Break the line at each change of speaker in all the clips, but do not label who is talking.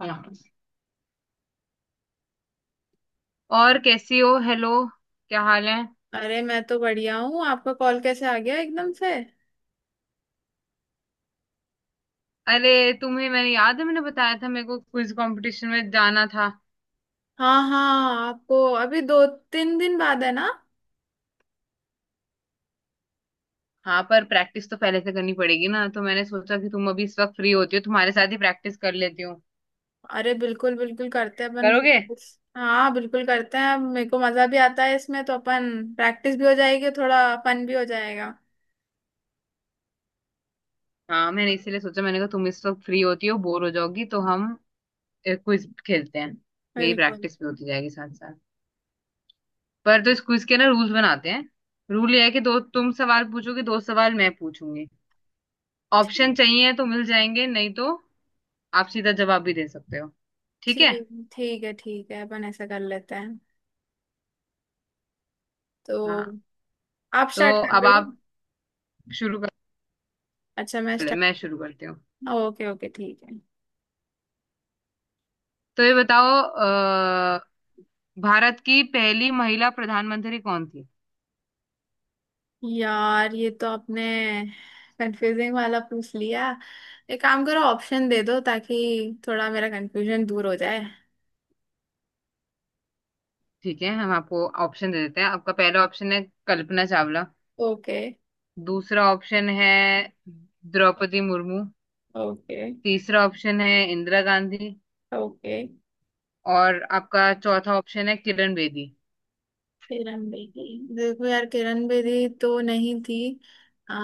हाँ। और कैसी हो? हेलो, क्या हाल है?
अरे मैं तो बढ़िया हूँ। आपका कॉल कैसे आ गया एकदम से।
अरे तुम्हें, मैंने याद है, मैंने बताया था मेरे को क्विज कंपटीशन में जाना था।
हाँ हाँ, आपको अभी दो तीन दिन बाद है ना।
हाँ, पर प्रैक्टिस तो पहले से करनी पड़ेगी ना, तो मैंने सोचा कि तुम अभी इस वक्त फ्री होती हो, तुम्हारे साथ ही प्रैक्टिस कर लेती हूँ।
अरे बिल्कुल बिल्कुल करते हैं अपन
करोगे?
प्रैक्टिस। हाँ बिल्कुल करते हैं। अब मेरे को मजा भी आता है इसमें, तो अपन प्रैक्टिस भी हो जाएगी, थोड़ा फन भी हो जाएगा।
हाँ, मैंने इसीलिए सोचा, मैंने कहा तुम इस वक्त फ्री होती हो, बोर हो जाओगी, तो हम क्विज खेलते हैं। मेरी
बिल्कुल।
प्रैक्टिस भी होती जाएगी साथ साथ। पर तो इस क्विज के ना रूल्स बनाते हैं। रूल ये है कि दो तुम सवाल पूछोगे, दो सवाल मैं पूछूंगी।
ठीक।
ऑप्शन चाहिए तो मिल जाएंगे, नहीं तो आप सीधा जवाब भी दे सकते हो। ठीक है?
ठीक, ठीक है, ठीक है, अपन ऐसा कर लेते हैं। तो
हाँ,
आप स्टार्ट
तो
कर
अब
रहे हैं।
आप शुरू कर,
अच्छा मैं
पहले मैं
स्टार्ट।
शुरू करती हूँ।
ओके ओके ठीक है।
तो ये बताओ भारत की पहली महिला प्रधानमंत्री कौन थी?
यार ये तो आपने कंफ्यूजिंग वाला पूछ लिया। एक काम करो, ऑप्शन दे दो ताकि थोड़ा मेरा कंफ्यूजन दूर हो जाए।
ठीक है, हम आपको ऑप्शन दे देते हैं। आपका पहला ऑप्शन है कल्पना चावला।
ओके।
दूसरा ऑप्शन है द्रौपदी मुर्मू।
ओके।
तीसरा ऑप्शन है इंदिरा गांधी।
ओके।
और आपका चौथा ऑप्शन है किरण बेदी।
किरण बेदी। देखो यार, किरण बेदी तो नहीं थी। आ,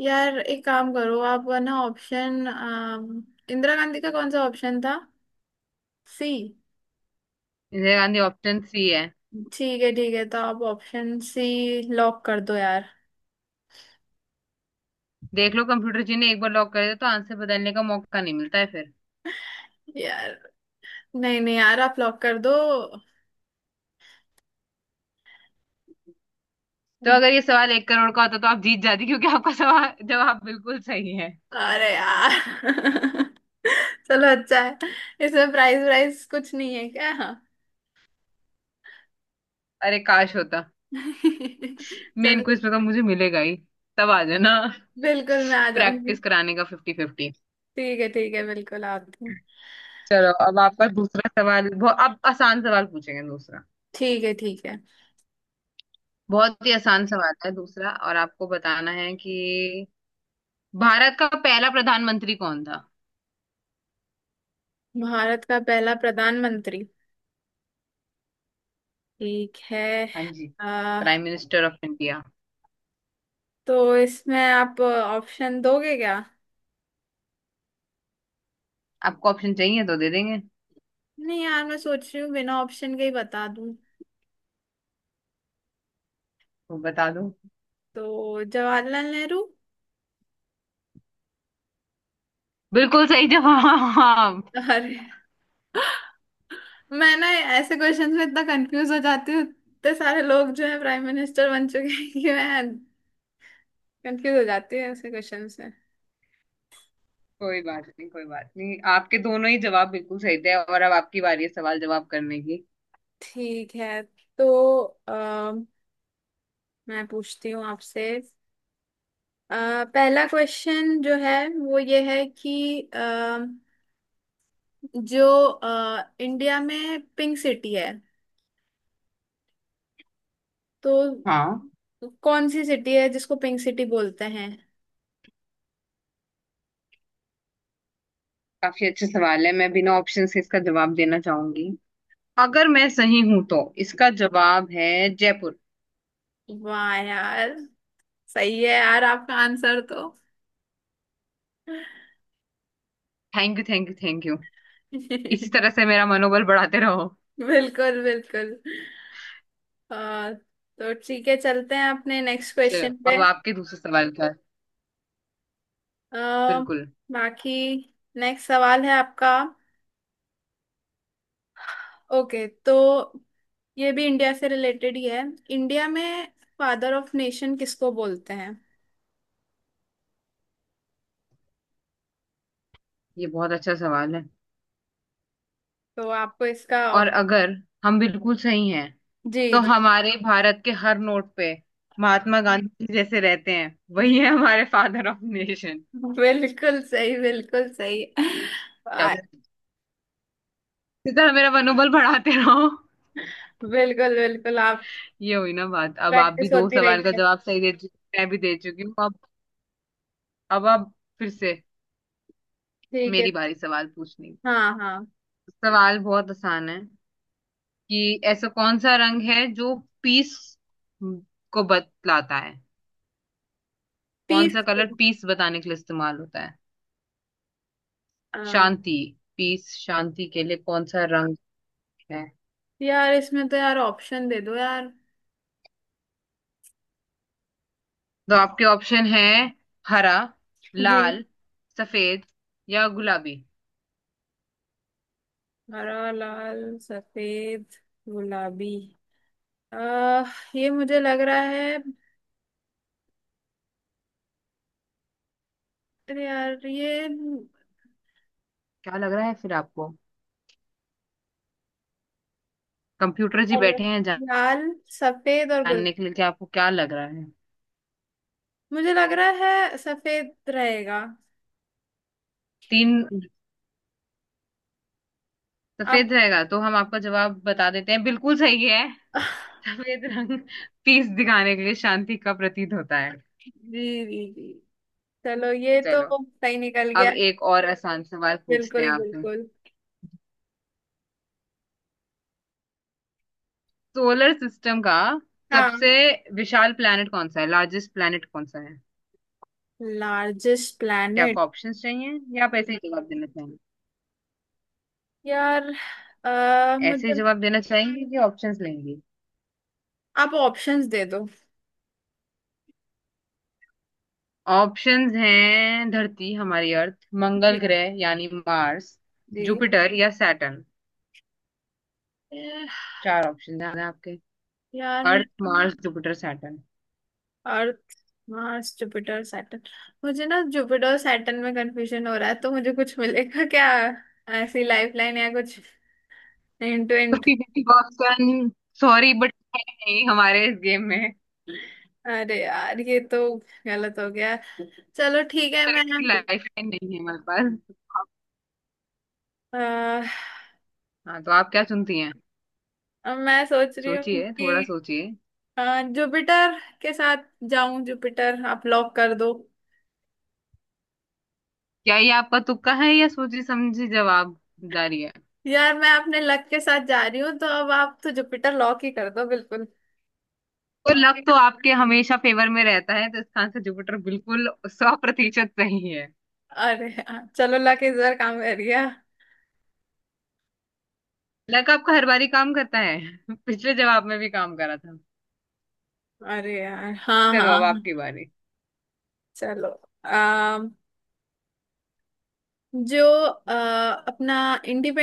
यार एक काम करो आप, ना ऑप्शन, इंदिरा गांधी का कौन सा ऑप्शन था। C.
Indira Gandhi option C है।
ठीक है, ठीक है, तो आप ऑप्शन सी लॉक कर दो यार।
देख लो, कंप्यूटर जी ने एक बार लॉक कर दिया तो आंसर बदलने का मौका नहीं मिलता है फिर।
यार नहीं नहीं, यार आप लॉक कर दो।
तो अगर ये सवाल 1 करोड़ का होता तो आप जीत जाती, क्योंकि आपका सवाल जवाब बिल्कुल सही है।
अरे यार। चलो अच्छा है। इसमें प्राइस प्राइस कुछ नहीं है क्या।
अरे, काश होता। मेन
चलो।
क्विज में तो मुझे मिलेगा ही। तब आ जाना।
बिल्कुल मैं आ जाऊंगी।
प्रैक्टिस कराने का फिफ्टी फिफ्टी।
ठीक है, ठीक है, बिल्कुल आती हूँ।
चलो, अब आपका दूसरा सवाल, बहुत अब आसान सवाल पूछेंगे दूसरा।
ठीक है, ठीक है।
बहुत ही आसान सवाल है दूसरा, और आपको बताना है कि भारत का पहला प्रधानमंत्री कौन था?
भारत का पहला प्रधानमंत्री। ठीक है।
हाँ जी,
आ,
प्राइम मिनिस्टर ऑफ इंडिया।
तो इसमें आप ऑप्शन दोगे क्या।
आपको ऑप्शन चाहिए तो दे देंगे।
नहीं यार, मैं सोच रही हूँ बिना ऑप्शन के ही बता दूं।
तो बता दो।
तो जवाहरलाल नेहरू।
बिल्कुल सही जवाब।
अरे, मैं ना ऐसे क्वेश्चंस में इतना कंफ्यूज हो जाती हूँ। इतने सारे लोग जो है प्राइम मिनिस्टर बन चुके हैं कि मैं कंफ्यूज हो जाती हूँ ऐसे क्वेश्चन में।
कोई बात नहीं, कोई बात नहीं, आपके दोनों ही जवाब बिल्कुल सही थे। और अब आपकी बारी है सवाल जवाब करने की।
ठीक है। तो मैं पूछती हूँ आपसे। पहला क्वेश्चन जो है वो ये है कि जो इंडिया में पिंक सिटी है तो
हाँ,
कौन सी सिटी है जिसको पिंक सिटी बोलते हैं।
काफी अच्छे सवाल है। मैं बिना ऑप्शन से इसका जवाब देना चाहूंगी। अगर मैं सही हूं तो इसका जवाब है जयपुर।
वाह यार, सही है यार, आपका आंसर तो।
Thank you, thank you, thank you. इसी तरह से मेरा मनोबल बढ़ाते रहो।
बिल्कुल बिल्कुल। तो ठीक है, चलते हैं अपने नेक्स्ट
चलो,
क्वेश्चन पे।
अब आपके दूसरे सवाल का।
आ,
बिल्कुल।
बाकी नेक्स्ट सवाल है आपका। ओके तो ये भी इंडिया से रिलेटेड ही है। इंडिया में फादर ऑफ नेशन किसको बोलते हैं।
ये बहुत अच्छा सवाल है।
तो आपको इसका
और अगर हम बिल्कुल सही हैं,
जी
तो
जी
हमारे भारत के हर नोट पे महात्मा गांधी जी जैसे रहते हैं,
जी।
वही है हमारे फादर ऑफ नेशन।
बिल्कुल सही, बिल्कुल सही।
क्या
आ,
इसी तरह मेरा मनोबल बढ़ाते रहो।
बिल्कुल बिल्कुल आप।
ये हुई ना बात। अब आप भी
प्रैक्टिस
दो
होती
सवाल का
रहेगी।
जवाब सही दे चुकी, मैं भी दे चुकी हूँ। अब आप फिर से
ठीक है।
मेरी बारी सवाल पूछने की।
हाँ हाँ।
सवाल बहुत आसान है कि ऐसा कौन सा रंग है जो पीस को बतलाता है? कौन
पीस।
सा कलर पीस बताने के लिए इस्तेमाल होता है? शांति, पीस शांति के लिए कौन सा रंग है?
यार इसमें तो यार ऑप्शन दे दो यार।
तो आपके ऑप्शन है हरा,
जी।
लाल, सफेद या गुलाबी।
हरा लाल सफेद गुलाबी। आह, ये मुझे लग रहा है। अरे यार ये
क्या लग रहा है फिर आपको? कंप्यूटर जी
और
बैठे हैं
लाल सफेद और गुल।
जानने के लिए कि आपको क्या लग रहा है।
मुझे लग रहा है सफेद रहेगा।
तीन,
आप।
सफेद रहेगा तो हम आपका जवाब बता देते हैं, बिल्कुल सही है। सफेद रंग पीस दिखाने के लिए शांति का प्रतीक होता है।
जी जी जी, चलो ये तो
चलो,
सही निकल
अब
गया।
एक और आसान सवाल पूछते हैं
बिल्कुल
आपसे।
बिल्कुल।
सोलर सिस्टम का
हाँ।
सबसे विशाल प्लैनेट कौन सा है, लार्जेस्ट प्लैनेट कौन सा है?
लार्जेस्ट
क्या आपको
प्लैनेट।
ऑप्शंस चाहिए या आप ऐसे ही जवाब देना चाहेंगे?
यार अह
ऐसे ही
मुझे।
जवाब देना चाहेंगे कि ऑप्शंस लेंगे?
आप ऑप्शंस दे दो।
ऑप्शंस हैं धरती हमारी अर्थ, मंगल
जी।
ग्रह यानी मार्स,
जी।
जुपिटर या सैटर्न। चार ऑप्शंस हैं आपके,
यार
अर्थ,
मुझे।
Mars, Jupiter, Saturn.
Earth Mars Jupiter Saturn. मुझे ना जुपिटर सैटर्न में कंफ्यूजन हो रहा है, तो मुझे कुछ मिलेगा क्या, ऐसी लाइफलाइन या कुछ हिंट विंट।
Fifty fifty option, sorry but नहीं, हमारे इस गेम में इस
अरे यार, ये तो गलत हो गया। चलो ठीक है।
तरीके की लाइफ लाइन नहीं है हमारे पास। हाँ, तो आप क्या चुनती हैं?
मैं सोच रही हूँ
सोचिए, थोड़ा
कि
सोचिए।
जुपिटर के साथ जाऊं। जुपिटर आप लॉक कर दो।
क्या ये आपका तुक्का है या सोची समझी जवाबदारी है?
यार मैं अपने लक के साथ जा रही हूँ, तो अब आप तो जुपिटर लॉक ही कर दो बिल्कुल।
तो लक तो आपके हमेशा फेवर में रहता है, तो इसका आंसर जुपिटर, बिल्कुल 100% सही है।
अरे यार, चलो लक इस बार काम कर गया।
लक आपका हर बारी काम करता है पिछले जवाब में भी काम करा था।
अरे यार, हाँ हाँ
चलो, अब
हाँ।
आपकी बारी।
चलो। अम, जो अपना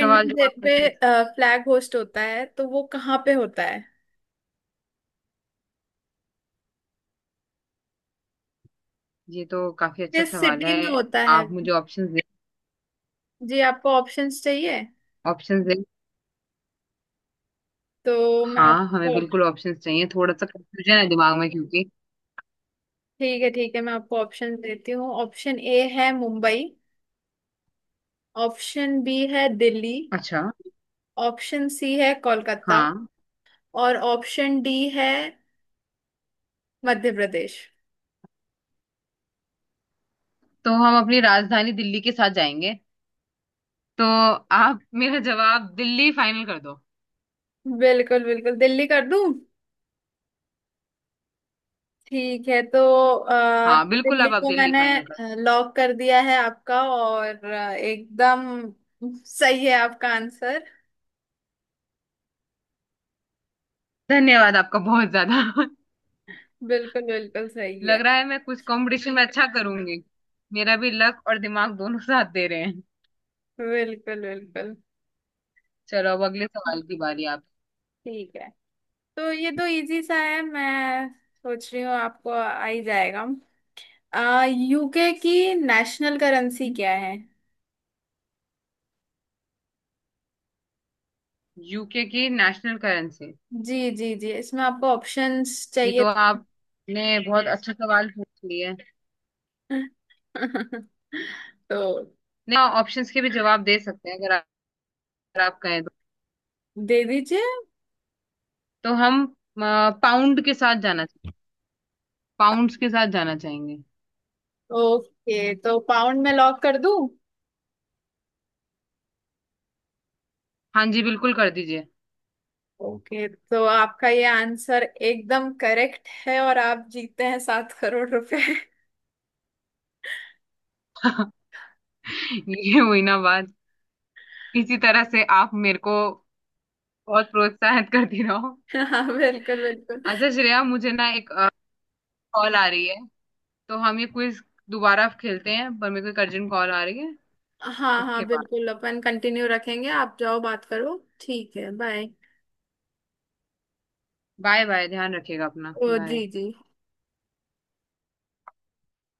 सवाल जो
डे
आपका सर,
पे फ्लैग होस्ट होता है तो वो कहाँ पे होता है,
ये तो काफी अच्छा
किस
सवाल
सिटी
है।
में होता है।
आप मुझे ऑप्शंस दे,
जी आपको ऑप्शंस चाहिए
ऑप्शंस दे।
तो मैं
हाँ, हमें
आपको।
बिल्कुल ऑप्शंस चाहिए, थोड़ा सा कंफ्यूजन है दिमाग में क्योंकि
ठीक है, ठीक है, मैं आपको ऑप्शन देती हूँ। ऑप्शन ए है मुंबई, ऑप्शन बी है दिल्ली,
अच्छा,
ऑप्शन सी है कोलकाता,
हाँ,
और ऑप्शन डी है मध्य प्रदेश।
तो हम अपनी राजधानी दिल्ली के साथ जाएंगे। तो आप मेरा जवाब दिल्ली फाइनल कर दो।
बिल्कुल बिल्कुल, दिल्ली कर दूं। ठीक है। अ,
हाँ बिल्कुल,
दिल्ली
अब आप
को
दिल्ली
मैंने
फाइनल कर दो।
लॉक कर दिया है। आपका और एकदम सही है आपका आंसर।
धन्यवाद आपका बहुत ज्यादा
बिल्कुल बिल्कुल सही है।
लग रहा है मैं कुछ कंपटीशन में अच्छा करूंगी, मेरा भी लक और दिमाग दोनों साथ दे रहे हैं।
बिल्कुल बिल्कुल।
चलो, अब अगले सवाल की बारी आप।
ठीक है। तो ये तो इजी सा है, मैं सोच रही हूँ आपको आ ही जाएगा। यूके की नेशनल करेंसी क्या है।
यूके की नेशनल करेंसी,
जी जी जी, इसमें आपको ऑप्शंस
ये
चाहिए।
तो आपने बहुत अच्छा सवाल पूछ लिया है।
तो
नहीं, ऑप्शंस के भी जवाब दे सकते हैं अगर आप, कहें तो।
दे दीजिए।
तो हम पाउंड के साथ जाना, पाउंड्स के साथ जाना चाहेंगे।
ओके तो पाउंड में लॉक कर दूं।
हाँ जी, बिल्कुल कर दीजिए।
ओके तो आपका ये आंसर एकदम करेक्ट है और आप जीतते हैं ₹7 करोड़।
ये हुई ना बात। इसी तरह से आप मेरे को बहुत प्रोत्साहित करती रहो।
हाँ बिल्कुल बिल्कुल।
अच्छा श्रेया, मुझे ना एक कॉल आ रही है, तो हम ये क्विज दोबारा खेलते हैं, पर मेरे को एक अर्जेंट कॉल आ रही है
हाँ हाँ
उसके बाद।
बिल्कुल, अपन कंटिन्यू रखेंगे, आप जाओ बात करो, ठीक है बाय।
बाय बाय, ध्यान रखिएगा अपना,
ओ जी
बाय।
जी।